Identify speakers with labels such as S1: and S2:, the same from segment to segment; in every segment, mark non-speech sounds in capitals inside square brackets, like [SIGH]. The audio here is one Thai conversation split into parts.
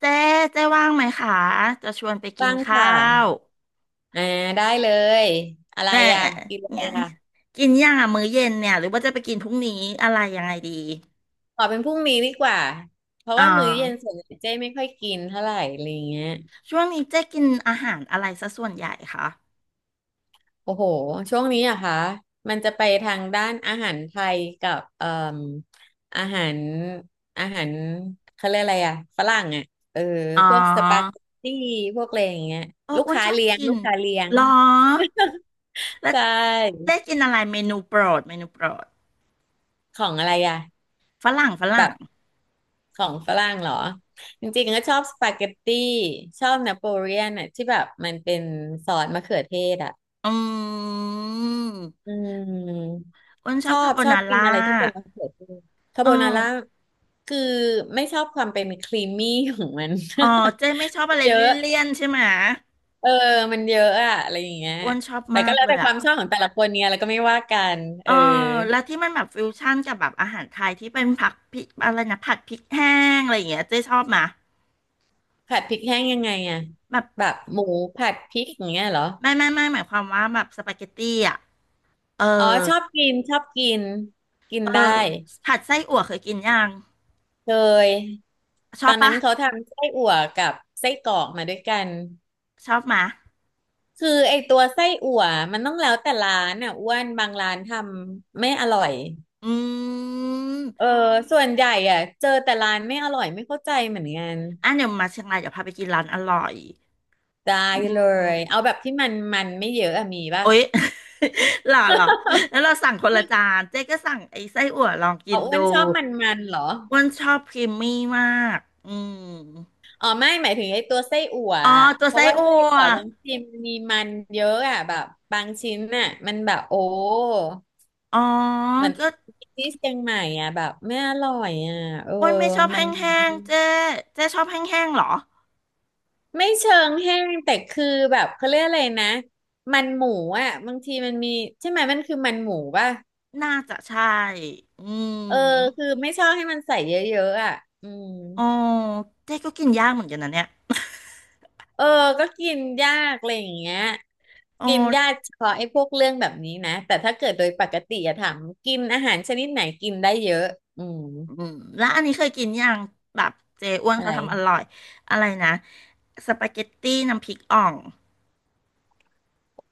S1: เจ๊เจ๊ว่างไหมคะ จะชวนไปกิน
S2: บ้าง
S1: ข้า
S2: ค่ะ
S1: ว
S2: อ่าได้เลยอะไร
S1: แหม่
S2: อ่ะกินอะไร
S1: เนี่ย
S2: อ่ะ
S1: กินอย่างอะมื้อเย็นเนี่ยหรือว่าจะไปกินพรุ่งนี้อะไรยังไงดี
S2: ขอเป็นพรุ่งนี้ดีกว่า เพราะ
S1: อ่า
S2: ว่ามื้อเย็นส่วนใหญ่เจ๊ไม่ค่อยกินเท่าไหร่อะไรเงี้ย
S1: ช่วงนี้เจ๊กินอาหารอะไรซะส่วนใหญ่คะ
S2: โอ้โหช่วงนี้อะคะมันจะไปทางด้านอาหารไทยกับเอ่มอาหารอาหารเขาเรียกอะไรอ่ะฝรั่งอ่ะเออ
S1: อ๋อ
S2: พวกสปาเกตตี้พวกอะไรอย่างเงี้ย
S1: เอออ้วนชอบกิ
S2: ลู
S1: น
S2: กค้าเลี้ยง
S1: หรอ
S2: [LAUGHS]
S1: แล้ว
S2: ใช่
S1: เจ๊กินอะไรเมนูโปรดเมนูโปรด
S2: ของอะไรอ่ะ
S1: ฝรั่งฝ
S2: แบ
S1: รั่ง
S2: บ ของฝรั่งเหรอจริงๆก็ชอบสปาเกตตี้ชอบนาโปเลียนอ่ะที่แบบมันเป็นซอสมะเขือเทศอ่ะ
S1: อืม
S2: อืม
S1: อ้วนชอบคาโบ
S2: ชอบ
S1: นา
S2: กิน
S1: ร่า
S2: อะไรที่เป็นมะเขือเทศคา
S1: เออ
S2: โบนาร่าคือไม่ชอบความเป็นครีมมี่ของมัน
S1: อ๋อเจ๊ไม่ชอบอะไร
S2: [LAUGHS] เยอะ
S1: เลี่ยนๆใช่ไหม
S2: เออมันเยอะอะอะไรอย่างเงี้ย
S1: อ้วนชอบ
S2: แต่
S1: มา
S2: ก็
S1: ก
S2: แล้ว
S1: เล
S2: แต่
S1: ย
S2: ค
S1: อะ
S2: วามชอบของแต่ละคนเนี่ยแล้วก็ไม่ว่ากันเอ
S1: เอ
S2: อ
S1: อแล้วที่มันแบบฟิวชั่นกับแบบอาหารไทยที่เป็นผักพริกอะไรนะผัดพริกแห้งอะไรอย่างเงี้ยเจ๊ชอบมา
S2: ผัดพริกแห้งยังไงอะ
S1: แบบ
S2: แบบหมูผัดพริกอย่างเงี้ยเหรอ
S1: ไม่หมายความว่าแบบสปาเกตตี้อ่ะเออ
S2: อ๋อชอบกินกิน
S1: เอ
S2: ได้
S1: อผัดไส้อั่วเคยกินยัง
S2: เคย
S1: ช
S2: ต
S1: อ
S2: อ
S1: บ
S2: นนั้
S1: ปะ
S2: นเขาทำไส้อั่วกับไส้กรอกมาด้วยกัน
S1: ชอบมา
S2: คือไอตัวไส้อั่วมันต้องแล้วแต่ร้านอ่ะอ้วนบางร้านทำไม่อร่อย
S1: อื
S2: เออ
S1: ม
S2: ส่วนใหญ่อ่ะเจอแต่ร้านไม่อร่อยไม่เข้าใจเหมือนกัน
S1: อ่ะเดี๋ยวมาเชียงรายเดี๋ยวพาไปกินร้านอร่อย
S2: ได้
S1: อื
S2: เล
S1: ม
S2: ยเอาแบบที่มันไม่เยอะอะมีป่ะ
S1: โอ๊ย [LAUGHS] หล่อหล่อแล้วเราสั่งคนละจานเจ๊ก็สั่งไอ้ไส้อั่วลองกิ
S2: เอา
S1: น
S2: อ้ว
S1: ดู
S2: นชอบมันเหรอ
S1: อ้วันชอบครีมมี่มากอืม
S2: อ๋อไม่หมายถึงไอ้ตัวไส้อั่ว
S1: อ๋อ
S2: อะ
S1: ตัว
S2: เพราะ
S1: ไส้
S2: ว่า
S1: อั่
S2: ไส้
S1: ว
S2: อั่วบางทีมันมีมันเยอะอ่ะแบบบางชิ้นน่ะมันแบบโอ้
S1: อ๋อ
S2: เหมือน
S1: ก็
S2: ที่เชียงใหม่อ่ะแบบไม่อร่อยอ่ะเออ
S1: อ้วนไม่ชอบ
S2: มัน
S1: แห้งๆเจ๊เจ๊ชอบแห้งๆเหรอ
S2: ไม่เชิงแห้งแต่คือแบบเขาเรียกอะไรนะมันหมูอ่ะบางทีมันมีใช่ไหมมันคือมันหมูป่ะ
S1: น่าจะใช่ อื
S2: เออ
S1: ม
S2: คือไม่ชอบให้มันใส่เยอะๆอ่ะอืม
S1: อ๋อเจ๊ก็กินยากเหมือนกันนะเนี่ย
S2: เออก็กินยากอะไรอย่างเงี้ย
S1: [LAUGHS] โอ๋อ
S2: กินยากเฉพาะไอ้พวกเรื่องแบบนี้นะแต่ถ้าเกิดโดยปกติอะถามกินอาหารชนิดไหนกินได้เยอะอืม
S1: ืมแล้วอันนี้เคยกินยังแบบเจอ้วน
S2: อะ
S1: เขา
S2: ไร
S1: ทำอร่อยอะไรนะสปาเกตตี้น้ำพริกอ่อง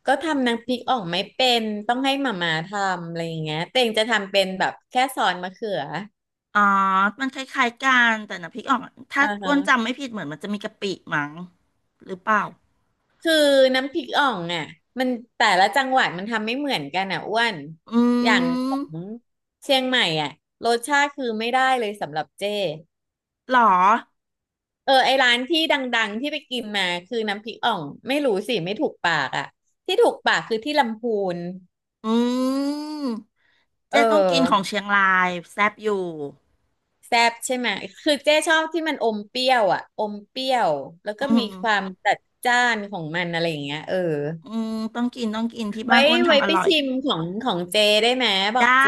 S2: ก็ทำน้ำพริกอ่องไม่เป็นต้องให้หม่าม่าทำอะไรอย่างเงี้ยเต่งจะทำเป็นแบบแค่ซอสมะเขือ
S1: อ๋อมันคล้ายๆกันแต่น้ำพริกอ่องอะถ้า
S2: อ่า
S1: อ้
S2: ฮะ
S1: วนจำไม่ผิดเหมือนมันจะมีกะปิมั้งหรือเปล่า
S2: คือน้ำพริกอ่องอ่ะมันแต่ละจังหวัดมันทำไม่เหมือนกันอ่ะอ้วน
S1: อื
S2: อย่างของ
S1: ม
S2: เชียงใหม่อ่ะรสชาติคือไม่ได้เลยสำหรับเจ้
S1: หรอ
S2: เออไอร้านที่ดังๆที่ไปกินมาคือน้ำพริกอ่องไม่รู้สิไม่ถูกปากอ่ะที่ถูกปากคือที่ลำพูน
S1: อืม
S2: เอ
S1: เจ๊ต้องกินของเชี
S2: อ
S1: ยงรายแซ่บอยู่
S2: แซบใช่ไหมคือเจ๊ชอบที่มันอมเปรี้ยวอ่ะอมเปรี้ยวแล้ว
S1: อื
S2: ก็มีความ
S1: ม
S2: จัดจ้านของมันอะไรอย่างเงี้ยเออ
S1: อืมต้องกินต้องกินที่บ้า
S2: ไว้
S1: นอ้วน
S2: ไว้
S1: ทำอ
S2: ไป
S1: ร่อย
S2: ชิมของเจได้ไหมบอก
S1: ได้
S2: เจ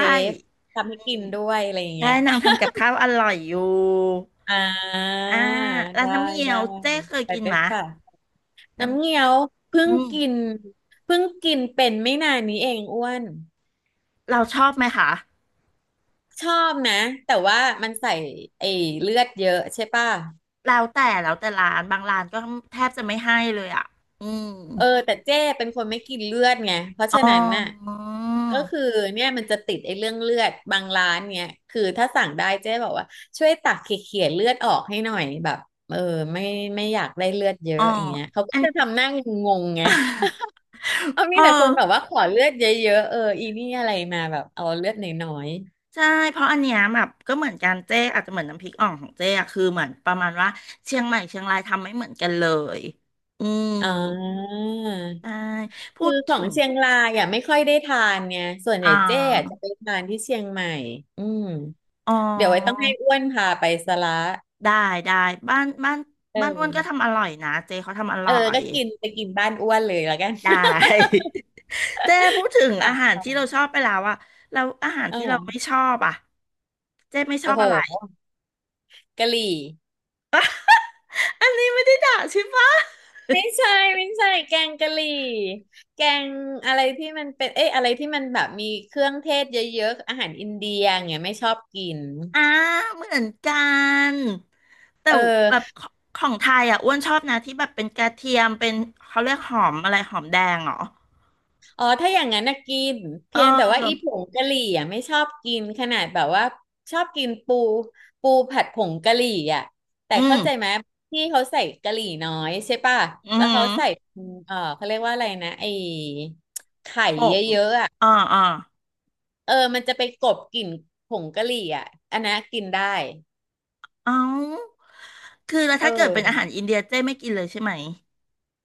S2: ทำให้กินด้วยอะไรอย่างเงี้
S1: ได้
S2: ย
S1: นางทำกับข้าวอร่อยอยู่
S2: อ่า
S1: อ่าแล้ว
S2: ได้
S1: น้ำเงี้ย
S2: ได้
S1: วเจ๊เคย
S2: ไป
S1: กิน
S2: เป็
S1: ไหม
S2: นค่ะ
S1: น้
S2: น้ำเงี้ยวเพิ่
S1: ำอื
S2: ง
S1: ม
S2: กินเป็นไม่นานนี้เองอ้วน
S1: เราชอบไหมคะ
S2: ชอบนะ แต่ว่ามันใส่ไอ้เลือดเยอะใช่ป่ะ
S1: แล้วแต่แล้วแต่ร้านบางร้านก็แทบจะไม่ให้เลยอ่ะอืม
S2: เออแต่เจ้เป็นคนไม่กินเลือดไงเพราะ
S1: อ๋
S2: ฉะ
S1: อ
S2: นั้นน่ะก็คือเนี่ยมันจะติดไอ้เรื่องเลือดบางร้านเนี่ยคือถ้าสั่งได้เจ๊บอกว่าช่วยตักเขี่ยๆเลือดออกให้หน่อยแบบเออไม่ไม่อยากได้เลือดเย
S1: อ๋
S2: อะ
S1: อ
S2: อย่างเงี้ยเขาก็
S1: อัน
S2: จะทำหน้างงๆไงเอามี
S1: เออ
S2: แต่คนแบบว่าขอเลือดเยอะๆเออนี่อะไรมาแบบเอาเลือดน้อย
S1: ใช่เพราะอันเนี้ยแบบก็เหมือนกันเจ๊อาจจะเหมือนน้ำพริกอ่องของเจ๊อะคือเหมือนประมาณว่าเชียงใหม่เชียงรายทำไม่เหมือนกันเลยอืม
S2: ๆอ่า
S1: ใช่พู
S2: คือ
S1: ด
S2: ขอ
S1: ถึ
S2: ง
S1: ง
S2: เชียงรายอ่ะไม่ค่อยได้ทานเนี่ยส่วนให
S1: อ่
S2: ญ่เจ๊อะจะ
S1: า
S2: ไปทานที่เชียงใหม่อืม
S1: อ๋อ
S2: เดี๋ยวไว้ต้องให้อ้วนพาไปสละ
S1: ได้ได้บ้านบ้าน
S2: เอ
S1: บ้านอ้ว
S2: อ
S1: นก็ทำอร่อยนะเจ๊เขาทำอ
S2: เอ
S1: ร่
S2: อ
S1: อย
S2: ก็กินไปกินบ้านอ้วนเลยแล้วกัน
S1: ได้ [LAUGHS] เจ๊พูดถึง
S2: [LAUGHS] ปา
S1: อา
S2: ก
S1: หาร
S2: ซ [LAUGHS] อ
S1: ที่เรา
S2: ย
S1: ชอบไปแล้วอะแล้วอาหาร
S2: เออ
S1: ที่เราไม่ชอบอะเจ๊ไม่ช
S2: โอ้
S1: อบ
S2: โห
S1: อะไร
S2: กะหรี่
S1: [LAUGHS] อันนี้ไม่ได้ด่าใช่ปะ
S2: ไม่ใช่แกงกะหรี่แกงอะไรที่มันเป็น เอ้ยอะไรที่มันแบบมีเครื่องเทศเยอะๆอาหารอินเดียอย่างเงี้ยไม่ชอบกิน
S1: อ่าเหมือนกันแต่
S2: เออ
S1: แบบขของไทยอ่ะอ้วนชอบนะที่แบบเป็นกระเทียมเป็นเขาเรียกหอมอะไรหอมแดงเหรอ
S2: อ๋อถ้าอย่างนั้นนะกิน
S1: เอ
S2: เพียงแต่ว่าอีผ
S1: อ
S2: งกะหรี่อ่ะไม่ชอบกินขนาดแบบว่าชอบกินปูผัดผงกะหรี่อ่ะแต่
S1: อื
S2: เข้า
S1: ม
S2: ใจไหมที่เขาใส่กะหรี่น้อยใช่ป่ะ
S1: อื
S2: แล้วเขา
S1: ม
S2: ใส่เออเขาเรียกว่าอะไรนะไอ้ไข่
S1: ผ
S2: เย
S1: ง
S2: อะๆอ่ะ
S1: อ่าอ่า
S2: เออมันจะไปกลบกลิ่นผงกะหรี่อ่ะอันนั้นกินได้
S1: เอ้าคือแล้ว
S2: เอ
S1: ถ้าเกิดเป็นอาหาร
S2: อ
S1: อินเดียเจ้ไม่กินเลยใช่ไหม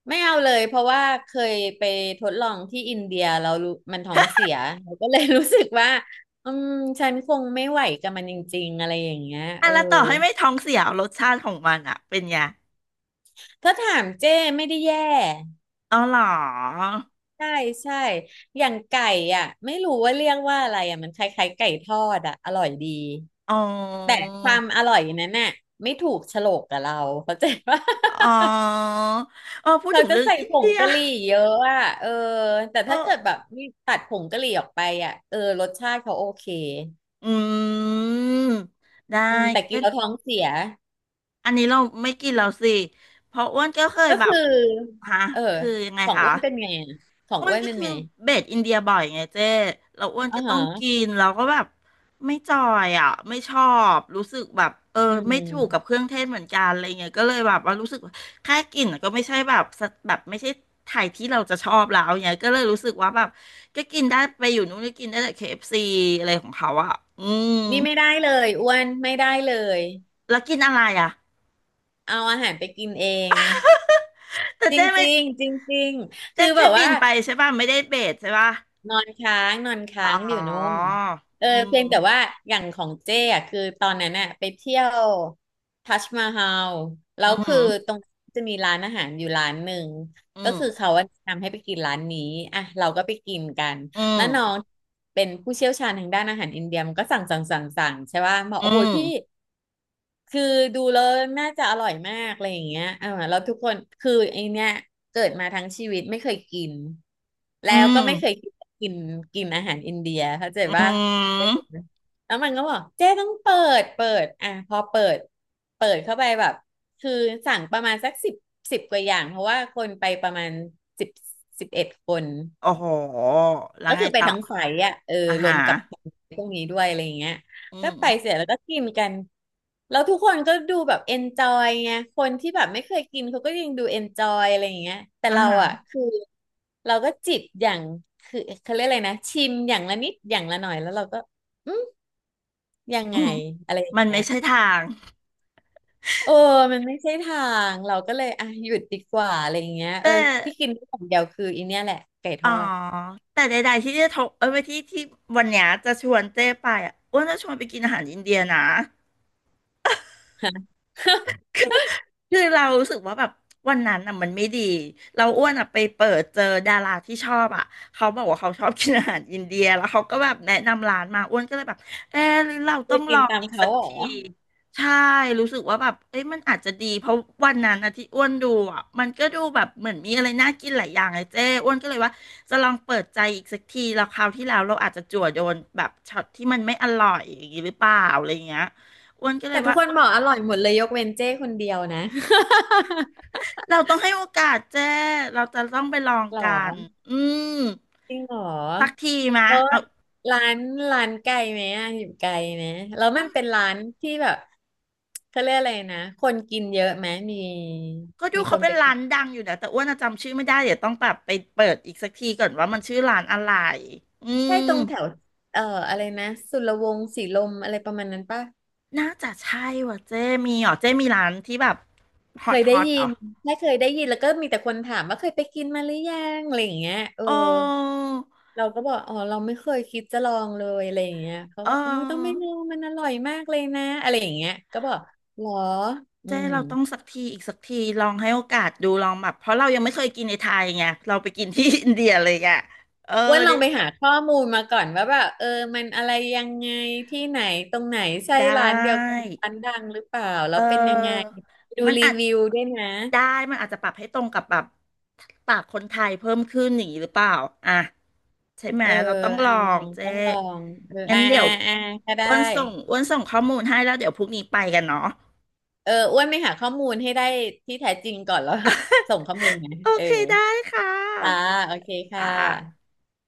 S2: ไม่เอาเลยเพราะว่าเคยไปทดลองที่อินเดียเรารู้มันท้องเสียเราก็เลยรู้สึกว่าอืมฉันคงไม่ไหวกับมันจริงๆอะไรอย่างเงี้ย
S1: อ่ะ
S2: เออ
S1: แล้วต่อให้ไม่ท้องเสียรสชาติของมันอ่ะเป็นไง
S2: ถ้าถามเจ้ไม่ได้แย่
S1: อ๋อเหรอ
S2: ใช่ใช่อย่างไก่อ่ะไม่รู้ว่าเรียกว่าอะไรอ่ะมันคล้ายๆไก่ทอดอ่ะอร่อยดี
S1: อ๋อ
S2: แต่ความอร่อยนั้นน่ะไม่ถูกโฉลกกับเราเข้าใจปะ
S1: อ๋
S2: [LAUGHS]
S1: ออ๋อพูด
S2: เขา
S1: ถึง
S2: จะ
S1: เรื่อง
S2: ใส่
S1: อิน
S2: ผ
S1: เดี
S2: ง
S1: ย
S2: กะหรี่เยอะอ่ะเออแต่
S1: เออ
S2: ถ้าเกิดแบบนี่ตัดผงกะหรี่ออกไปอ่ะเออรสชาติเขาโอเค
S1: อืมได้
S2: อืมแต่กินแล้วท้องเสีย
S1: อันนี้เราไม่กินแล้วสิเพราะอ้วนก็เคย
S2: ก็
S1: แบ
S2: คื
S1: บ
S2: อ
S1: ฮะ
S2: เออ
S1: คือยังไง
S2: ของ
S1: คะ
S2: อ้วนเป็นไงอะของ
S1: อ้ว
S2: อ้
S1: น
S2: วน
S1: ก็
S2: เป็น
S1: คือ
S2: ไง
S1: เบสอินเดียบ่อยไงเจ้เราอ้วน
S2: อ๋อ
S1: ก็ต้องกิ
S2: ฮะ
S1: นเราก็แบบไม่จอยอ่ะไม่ชอบรู้สึกแบบเออ
S2: อื
S1: ไม่ถูกกับ
S2: ม
S1: เครื่องเทศเหมือนกันอะไรเงี้ยก็เลยแบบว่ารู้สึกว่าแค่กลิ่นก็ไม่ใช่แบบสะแบบไม่ใช่ไทยที่เราจะชอบแล้วเนี้ยก็เลยรู้สึกว่าแบบก็กินได้ไปอยู่นู้นก็กินได้แต่ KFC อฟซีอะไรของเขาอ่ะอืม
S2: นี่ไม่ได้เลยอ้วนไม่ได้เลย
S1: แล้วกินอะไรอ่ะ
S2: เอาอาหารไปกินเอง
S1: แต่
S2: จ
S1: เจ๊ไม่
S2: ริงๆจริงๆ
S1: เจ๊
S2: คือแบ
S1: แค่
S2: บ
S1: บิ
S2: ว่า
S1: นไปใช่ป่ะไม่ได้เบสใช่ป่ะ
S2: นอนค้างนอนค้า
S1: อ๋อ
S2: งอยู่นู่นเออ
S1: อื
S2: เพียงแต่
S1: ม
S2: ว่าอย่างของเจ้อะคือตอนนั้นน่ะไปเที่ยวทัชมาฮาลแล้
S1: อื
S2: วคื
S1: ม
S2: อตรงน้จะมีร้านอาหารอยู่ร้านหนึ่ง
S1: อื
S2: ก็
S1: ม
S2: คือเขาอะแนะนำให้ไปกินร้านนี้อ่ะเราก็ไปกินกัน
S1: อื
S2: แล้
S1: ม
S2: วน้องเป็นผู้เชี่ยวชาญทางด้านอาหารอินเดียมันก็สั่งใช่ป่ะบอก
S1: อื
S2: โอ้โห
S1: ม
S2: พี่ คือดูแล้วน่าจะอร่อยมากอะไรอย่างเงี้ยออแล้วทุกคนคือไอเนี้ยเกิดมาทั้งชีวิตไม่เคยกิน
S1: อื
S2: แล้วก็
S1: ม
S2: ไม่เคยกินกินกินอาหารอินเดียเข้าใจ
S1: อื
S2: ว่าเออ
S1: ม
S2: แล้วมันก็บอกเจ๊ต้องเปิดอ่ะพอเปิดเข้าไปแบบคือสั่งประมาณสักสิบกว่าอย่างเพราะว่าคนไปประมาณสิบสิบเอ็ดคน
S1: โอ้โหแล้ว
S2: ก็
S1: ไง
S2: คือไป
S1: ต่อ
S2: ทั้งไฟอ่ะเออ
S1: อา
S2: ร
S1: หา
S2: วม
S1: ร
S2: กับพวกนี้ด้วยอะไรอย่างเงี้ย
S1: อื
S2: ก็ไปเส
S1: ม
S2: ร็จแล้วก็กินกันแล้วทุกคนก็ดูแบบเอนจอยไงคนที่แบบไม่เคยกินเขาก็ยังดูเอนจอยอะไรอย่างเงี้ยแต่
S1: อา
S2: เรา
S1: หาร
S2: อ่ะคือเราก็จิบอย่างคือเขาเรียกอะไรนะชิมอย่างละนิดอย่างละหน่อยแล้วเราก็อืมยัง
S1: อื
S2: ไง
S1: ม
S2: อะไรอย่าง
S1: มัน
S2: เงี้
S1: ไม่
S2: ย
S1: ใช่ทาง
S2: เออมันไม่ใช่ทางเราก็เลยอ่ะหยุดดีกว่าอะไรอย่างเงี้ยเอ
S1: แต่
S2: อที่กินที่อย่างเดียวคืออีเนี่ยแหละไก่ท
S1: อ๋อ
S2: อด
S1: แต่ใดๆที่จะทกเอ้ยที่ที่วันเนี้ยจะชวนเจ๊ไปอ่ะอ้วนจะชวนไปกินอาหารอินเดียนะ
S2: ฮะ [LAUGHS]
S1: คือเรารู้สึกว่าแบบวันนั้นอ่ะมันไม่ดีเราอ้วนอ่ะไปเปิดเจอดาราที่ชอบอ่ะเขาบอกว่าเขาชอบกินอาหารอินเดียแล้วเขาก็แบบแนะนำร้านมาอ้วนก็เลยแบบเออหรือเราต้อ
S2: จะ
S1: งล
S2: กิ
S1: อ
S2: น
S1: ง
S2: ตาม
S1: อีก
S2: เขา
S1: สัก
S2: เหรอ
S1: ทีใช่รู้สึกว่าแบบเอ้ยมันอาจจะดีเพราะวันนั้นอ่ะที่อ้วนดูอ่ะมันก็ดูแบบเหมือนมีอะไรน่ากินหลายอย่างเลยเจ้อ้วนก็เลยว่าจะลองเปิดใจอีกสักทีแล้วคราวที่แล้วเราอาจจะจั่วโดนแบบช็อตที่มันไม่อร่อยอย่างนี้หรือเปล่าอะไรอย่างเงี้ยอ้วนก็เล
S2: แต่
S1: ย
S2: ทุ
S1: ว่า
S2: กคนบอกอร่อยหมดเลยยกเว้นเจ้คนเดียวนะ [LAUGHS]
S1: เราต้องให้โอกาสเจ้ เราจะต้องไปลอง
S2: หร
S1: กัน
S2: อ
S1: อืม
S2: จริงเหรอ
S1: สักทีมะ
S2: แล้ว
S1: เอา
S2: ร้านร้านไกลไหมอะอยู่ไกลไหมแล้วมันเป็นร้านที่แบบเขาเรียกอะไรนะคนกินเยอะไหมมี
S1: ก็ดู
S2: มีค
S1: เขา
S2: น
S1: เป็
S2: ไป
S1: นร้า
S2: กิน
S1: นดังอยู่นะแต่อ้วนอะจำชื่อไม่ได้ เดี๋ยวต้องแบบไปเปิดอีกสักทีก่อนว่ามันชื่อร้านอะไร อื
S2: ใช่
S1: ม
S2: ตรงแถวเอ่ออะไรนะสุรวงศ์สีลมอะไรประมาณนั้นปะ
S1: น่าจะใช่ว่ะเจ้มีเหรอเจ้มีร้านที่แบบฮ
S2: เค
S1: อต
S2: ย
S1: ฮ
S2: ได้
S1: อต
S2: ยิ
S1: เห
S2: น
S1: อ
S2: ไม่เคยได้ยินแล้วก็มีแต่คนถามว่าเคยไปกินมาหรือยังอะไรอย่างเงี้ยเออ
S1: โอ้
S2: เราก็บอกอ๋อเราไม่เคยคิดจะลองเลยอะไรอย่างเงี้ยเขา
S1: เอ
S2: บอกโอ้ยต้องไม่
S1: อ
S2: ลองมันอร่อยมากเลยนะอะไรอย่างเงี้ยก็บอกหรออื
S1: เจ้
S2: ม
S1: เราต้องสักทีอีกสักทีลองให้โอกาสดูลองแบบเพราะเรายังไม่เคยกินในไทยไงเราไปกินที่อินเดียเลยอ่ะเออ
S2: อ้ว่าลอ
S1: ได้
S2: งไปหาข้อมูลมาก่อนว่าแบบเออมันอะไรยังไงที่ไหนตรงไหนใช่
S1: ได้
S2: ร้านเดียวกันร้านดังหรือเปล่าแล้
S1: เอ
S2: วเป็นยังไง
S1: อ
S2: ดู
S1: มัน
S2: รี
S1: อาจ
S2: วิวด้วยนะ
S1: ได้ มันอาจจะปรับให้ตรงกับแบบปากคนไทยเพิ่มขึ้นอย่างนี้หรือเปล่าอ่ะใช่ไหม
S2: เออ
S1: เราต้องล
S2: อ่ะ
S1: อ
S2: ลอ
S1: ง
S2: ง
S1: เจ๊
S2: ต้องลองเออ
S1: งั้นเดี๋ยว
S2: ก็ได้
S1: อ้วนส่งข้อมูลให้แล้วเดี๋ยวพรุ่งนี้ไปกันเนาะ
S2: เอออ้วนไปหาข้อมูลให้ได้ที่แท้จริงก่อนแล้ว [LAUGHS] ส่งข้อมูลไง
S1: โอ
S2: เออ
S1: เคได้ค่
S2: จ้า
S1: ะ
S2: โอเคค่
S1: อ่า
S2: ะ